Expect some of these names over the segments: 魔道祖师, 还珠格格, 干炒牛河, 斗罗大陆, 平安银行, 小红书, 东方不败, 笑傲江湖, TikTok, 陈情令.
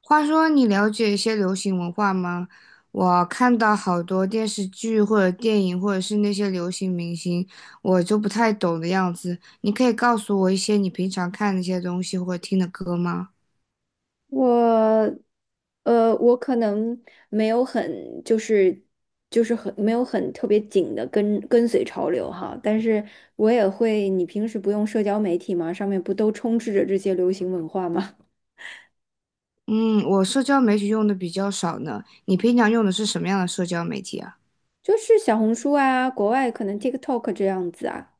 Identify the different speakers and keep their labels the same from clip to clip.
Speaker 1: 话说，你了解一些流行文化吗？我看到好多电视剧或者电影，或者是那些流行明星，我就不太懂的样子。你可以告诉我一些你平常看那些东西或者听的歌吗？
Speaker 2: 我，我可能没有很就是很没有很特别紧的跟随潮流哈，但是我也会，你平时不用社交媒体吗？上面不都充斥着这些流行文化吗？
Speaker 1: 嗯，我社交媒体用的比较少呢。你平常用的是什么样的社交媒体啊？
Speaker 2: 就是小红书啊，国外可能 TikTok 这样子啊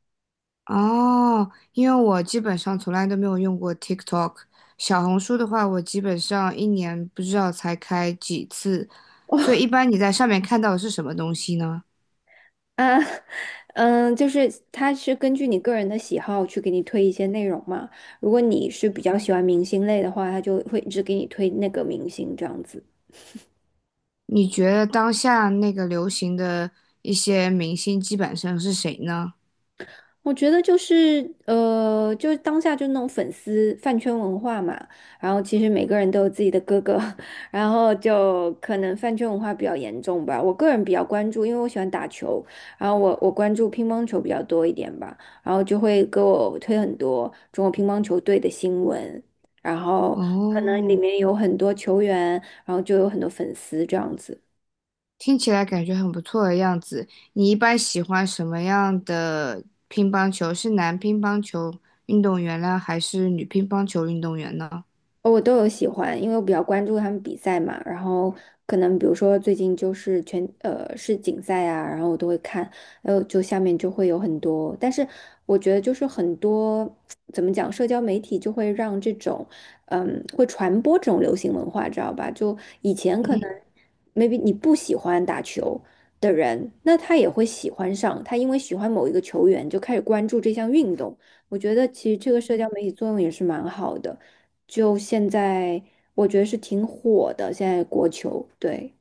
Speaker 1: 哦，因为我基本上从来都没有用过 TikTok，小红书的话，我基本上一年不知道才开几次，所以一般你在上面看到的是什么东西呢？
Speaker 2: 啊，嗯，就是它是根据你个人的喜好去给你推一些内容嘛。如果你是比较喜欢明星类的话，它就会一直给你推那个明星这样子。
Speaker 1: 你觉得当下那个流行的一些明星基本上是谁呢？
Speaker 2: 我觉得就是当下就那种粉丝饭圈文化嘛，然后其实每个人都有自己的哥哥，然后就可能饭圈文化比较严重吧。我个人比较关注，因为我喜欢打球，然后我关注乒乓球比较多一点吧，然后就会给我推很多中国乒乓球队的新闻，然后可能里
Speaker 1: 哦，
Speaker 2: 面有很多球员，然后就有很多粉丝这样子。
Speaker 1: 听起来感觉很不错的样子。你一般喜欢什么样的乒乓球？是男乒乓球运动员呢，还是女乒乓球运动员呢？
Speaker 2: 哦我都有喜欢，因为我比较关注他们比赛嘛，然后可能比如说最近就是全世锦赛啊，然后我都会看，还有就下面就会有很多，但是我觉得就是很多 怎么讲，社交媒体就会让这种会传播这种流行文化，知道吧？就以前可
Speaker 1: 嗯
Speaker 2: 能 maybe 你不喜欢打球的人，那他也会喜欢上，他因为喜欢某一个球员就开始关注这项运动，我觉得其实这个社交媒体作用也是蛮好的。就现在我觉得是挺火的，现在国球，对。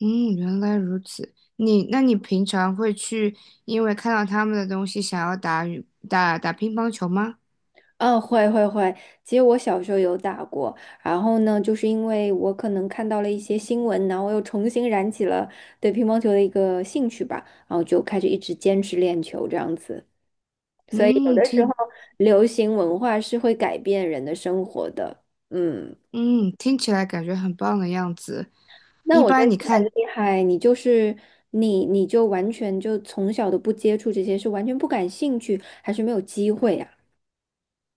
Speaker 1: 嗯，原来如此。你，那你平常会去因为看到他们的东西想要打羽打打乒乓球吗？
Speaker 2: 嗯，会会会。其实我小时候有打过，然后呢，就是因为我可能看到了一些新闻，然后我又重新燃起了对乒乓球的一个兴趣吧，然后就开始一直坚持练球这样子。
Speaker 1: 嗯，听
Speaker 2: 流行文化是会改变人的生活的，嗯。
Speaker 1: 嗯听起来感觉很棒的样子。
Speaker 2: 那
Speaker 1: 一
Speaker 2: 我觉得
Speaker 1: 般
Speaker 2: 你
Speaker 1: 你
Speaker 2: 很
Speaker 1: 看，
Speaker 2: 厉害，你就是你就完全就从小都不接触这些，是完全不感兴趣，还是没有机会啊？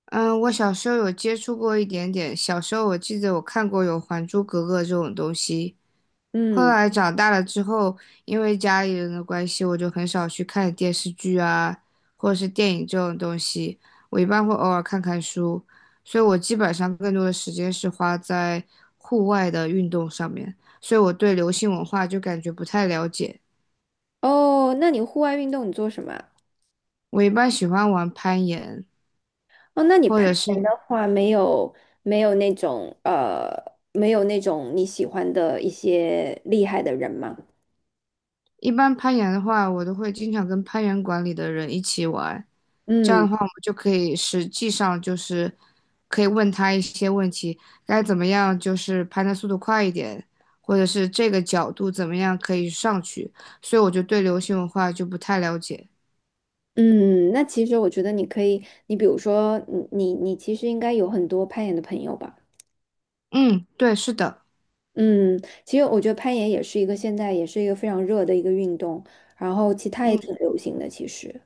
Speaker 1: 嗯，我小时候有接触过一点点。小时候我记得我看过有《还珠格格》这种东西，后
Speaker 2: 嗯。
Speaker 1: 来长大了之后，因为家里人的关系，我就很少去看电视剧啊，或者是电影这种东西。我一般会偶尔看看书，所以我基本上更多的时间是花在户外的运动上面，所以我对流行文化就感觉不太了解。
Speaker 2: 哦，那你户外运动你做什么啊？
Speaker 1: 我一般喜欢玩攀岩，
Speaker 2: 哦，那你
Speaker 1: 或
Speaker 2: 攀
Speaker 1: 者是。
Speaker 2: 岩的话，没有没有那种呃，没有那种你喜欢的一些厉害的人吗？
Speaker 1: 一般攀岩的话，我都会经常跟攀岩馆里的人一起玩，这样
Speaker 2: 嗯
Speaker 1: 的话，我们就可以实际上就是可以问他一些问题，该怎么样就是攀的速度快一点，或者是这个角度怎么样可以上去。所以我就对流行文化就不太了解。
Speaker 2: 嗯，那其实我觉得你可以，你比如说，你其实应该有很多攀岩的朋友吧？
Speaker 1: 嗯，对，是的，
Speaker 2: 嗯，其实我觉得攀岩也是一个现在也是一个非常热的一个运动，然后其他也
Speaker 1: 嗯，
Speaker 2: 挺流行的，其实。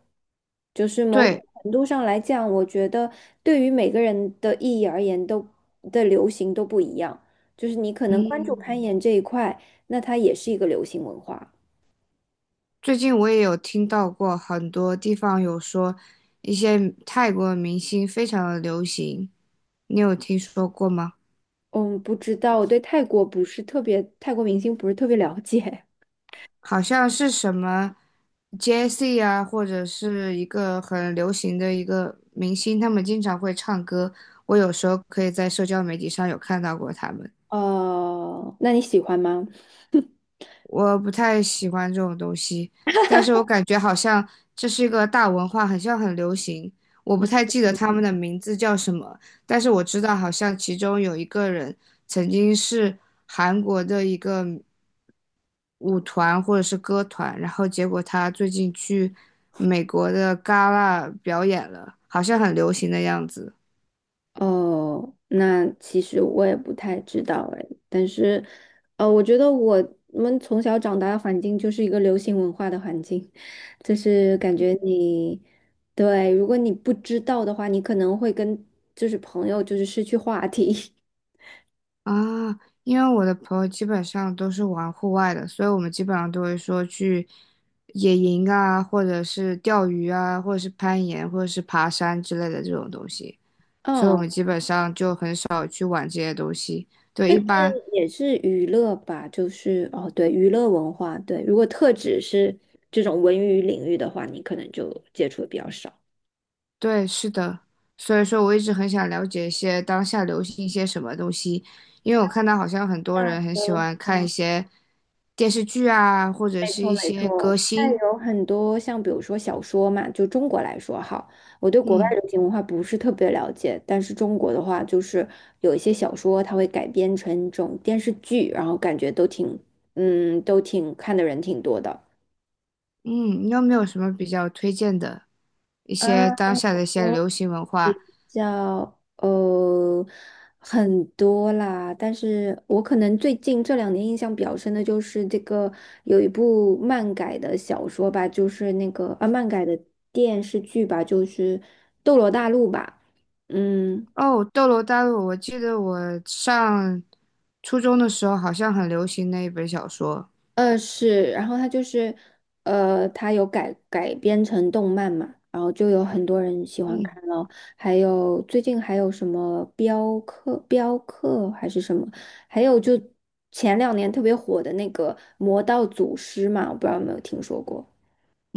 Speaker 2: 就是某
Speaker 1: 对，
Speaker 2: 种程度上来讲，我觉得对于每个人的意义而言都，的流行都不一样。就是你可能关注攀
Speaker 1: 嗯，
Speaker 2: 岩这一块，那它也是一个流行文化。
Speaker 1: 最近我也有听到过很多地方有说一些泰国明星非常的流行，你有听说过吗？
Speaker 2: 嗯，不知道，我对泰国不是特别，泰国明星不是特别了解。
Speaker 1: 好像是什么 Jessie 啊，或者是一个很流行的一个明星，他们经常会唱歌。我有时候可以在社交媒体上有看到过他们。
Speaker 2: 那你喜欢吗？
Speaker 1: 我不太喜欢这种东西，但是我感觉好像这是一个大文化，好像很流行。我不太记得他们的名字叫什么，但是我知道好像其中有一个人曾经是韩国的一个舞团或者是歌团，然后结果他最近去美国的戛纳表演了，好像很流行的样子。
Speaker 2: 哦，那其实我也不太知道哎，但是，我觉得我们从小长大的环境就是一个流行文化的环境，就是感觉你，对，如果你不知道的话，你可能会跟就是朋友就是失去话题。
Speaker 1: 啊，因为我的朋友基本上都是玩户外的，所以我们基本上都会说去野营啊，或者是钓鱼啊，或者是攀岩，或者是爬山之类的这种东西，所以我
Speaker 2: 哦，
Speaker 1: 们基本上就很少去玩这些东西。对，一般，
Speaker 2: 也是娱乐吧，就是哦，对，娱乐文化，对，如果特指是这种文娱领域的话，你可能就接触的比较少。
Speaker 1: 对，是的。所以说我一直很想了解一些当下流行一些什么东西，因为我看到好像很多
Speaker 2: 那
Speaker 1: 人很喜
Speaker 2: 的
Speaker 1: 欢看一
Speaker 2: 话
Speaker 1: 些电视剧啊，或者
Speaker 2: 没
Speaker 1: 是
Speaker 2: 错，
Speaker 1: 一
Speaker 2: 没
Speaker 1: 些
Speaker 2: 错。
Speaker 1: 歌
Speaker 2: 现在
Speaker 1: 星，
Speaker 2: 有很多像比如说小说嘛，就中国来说哈，我对国外
Speaker 1: 嗯。
Speaker 2: 流行文化不是特别了解，但是中国的话，就是有一些小说它会改编成这种电视剧，然后感觉都挺，嗯，都挺看的人挺多的。
Speaker 1: 嗯，你有没有什么比较推荐的一
Speaker 2: 嗯，
Speaker 1: 些当下的一些
Speaker 2: 我
Speaker 1: 流行文化？
Speaker 2: 叫呃很多啦，但是我可能最近这两年印象比较深的就是这个有一部漫改的小说吧，就是那个漫改的电视剧吧，就是《斗罗大陆》吧，嗯，
Speaker 1: 哦，《斗罗大陆》，我记得我上初中的时候好像很流行那一本小说。
Speaker 2: 是，然后它就是，它有改编成动漫嘛，然后就有很多人喜欢
Speaker 1: 嗯，
Speaker 2: 看咯。还有最近还有什么镖客还是什么，还有就前两年特别火的那个《魔道祖师》嘛，我不知道有没有听说过。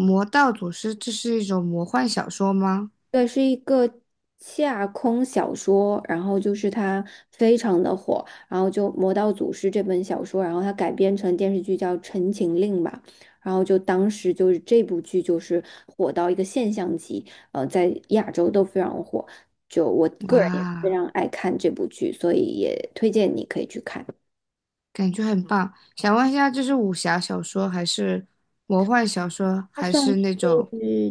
Speaker 1: 《魔道祖师》，这是一种魔幻小说吗？
Speaker 2: 对，是一个架空小说，然后就是它非常的火，然后就《魔道祖师》这本小说，然后它改编成电视剧叫《陈情令》吧，然后就当时就是这部剧就是火到一个现象级，呃，在亚洲都非常火，就我个人也非
Speaker 1: 哇，
Speaker 2: 常爱看这部剧，所以也推荐你可以去看。
Speaker 1: 感觉很棒。想问一下，这是武侠小说还是魔幻小说，
Speaker 2: 它
Speaker 1: 还
Speaker 2: 算
Speaker 1: 是
Speaker 2: 是
Speaker 1: 那种……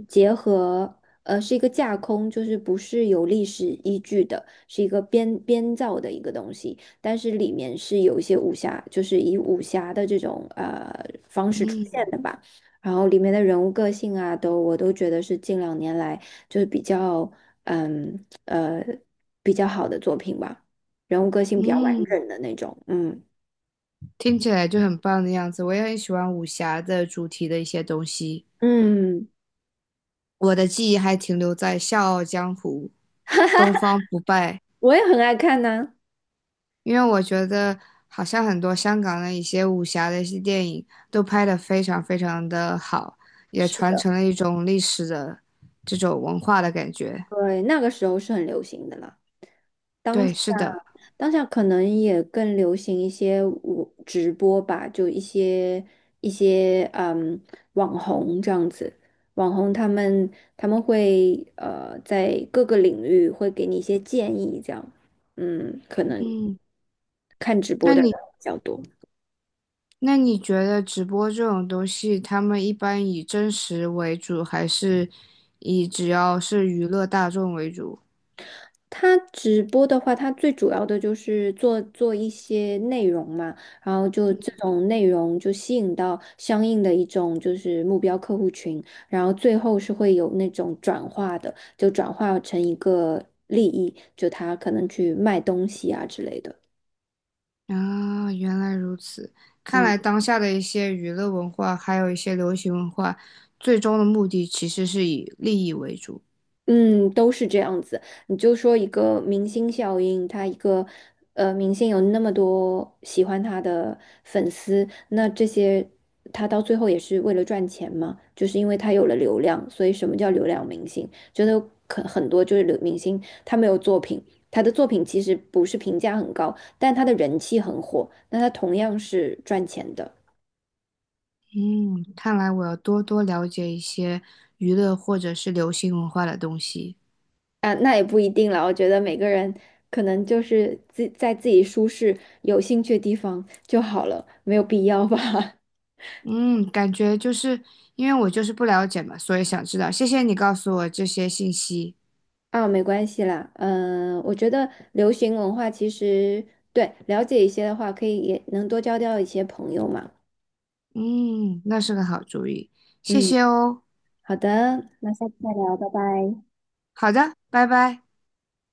Speaker 2: 结合，是一个架空，就是不是有历史依据的，是一个编造的一个东西，但是里面是有一些武侠，就是以武侠的这种方式出现
Speaker 1: 嗯
Speaker 2: 的吧。然后里面的人物个性啊，都我都觉得是近两年来就是比较嗯呃比较好的作品吧，人物个性比较完
Speaker 1: 嗯，
Speaker 2: 整的那种。嗯
Speaker 1: 听起来就很棒的样子。我也很喜欢武侠的主题的一些东西。
Speaker 2: 嗯，
Speaker 1: 我的记忆还停留在《笑傲江湖》《东方不败》，
Speaker 2: 我也很爱看呢。
Speaker 1: 因为我觉得好像很多香港的一些武侠的一些电影都拍得非常非常的好，也
Speaker 2: 是
Speaker 1: 传
Speaker 2: 的，
Speaker 1: 承了一种历史的这种文化的感觉。
Speaker 2: 对，那个时候是很流行的了。当
Speaker 1: 对，
Speaker 2: 下，
Speaker 1: 是的，
Speaker 2: 当下可能也更流行一些我直播吧，就一些一些网红这样子，网红他们他们会在各个领域会给你一些建议，这样，嗯，可能
Speaker 1: 嗯，
Speaker 2: 看直播
Speaker 1: 那
Speaker 2: 的人
Speaker 1: 你
Speaker 2: 比较多。
Speaker 1: 那你觉得直播这种东西，他们一般以真实为主，还是以只要是娱乐大众为主？
Speaker 2: 他直播的话，他最主要的就是做一些内容嘛，然后就这种内容就吸引到相应的一种就是目标客户群，然后最后是会有那种转化的，就转化成一个利益，就他可能去卖东西啊之类的。
Speaker 1: 啊，原来如此。看
Speaker 2: 嗯
Speaker 1: 来当下的一些娱乐文化，还有一些流行文化，最终的目的其实是以利益为主。
Speaker 2: 嗯，都是这样子。你就说一个明星效应，他一个明星有那么多喜欢他的粉丝，那这些他到最后也是为了赚钱嘛，就是因为他有了流量，所以什么叫流量明星？觉得可很多就是流明星，他没有作品，他的作品其实不是评价很高，但他的人气很火，那他同样是赚钱的。
Speaker 1: 嗯，看来我要多多了解一些娱乐或者是流行文化的东西。
Speaker 2: 啊，那也不一定了。我觉得每个人可能就是自在自己舒适、有兴趣的地方就好了，没有必要吧？
Speaker 1: 嗯，感觉就是因为我就是不了解嘛，所以想知道。谢谢你告诉我这些信息。
Speaker 2: 啊，没关系啦。嗯，我觉得流行文化其实对了解一些的话，可以也能多交到一些朋友嘛。
Speaker 1: 嗯，那是个好主意，谢
Speaker 2: 嗯，
Speaker 1: 谢哦。
Speaker 2: 好的，那下次再聊，拜拜。
Speaker 1: 好的，拜拜。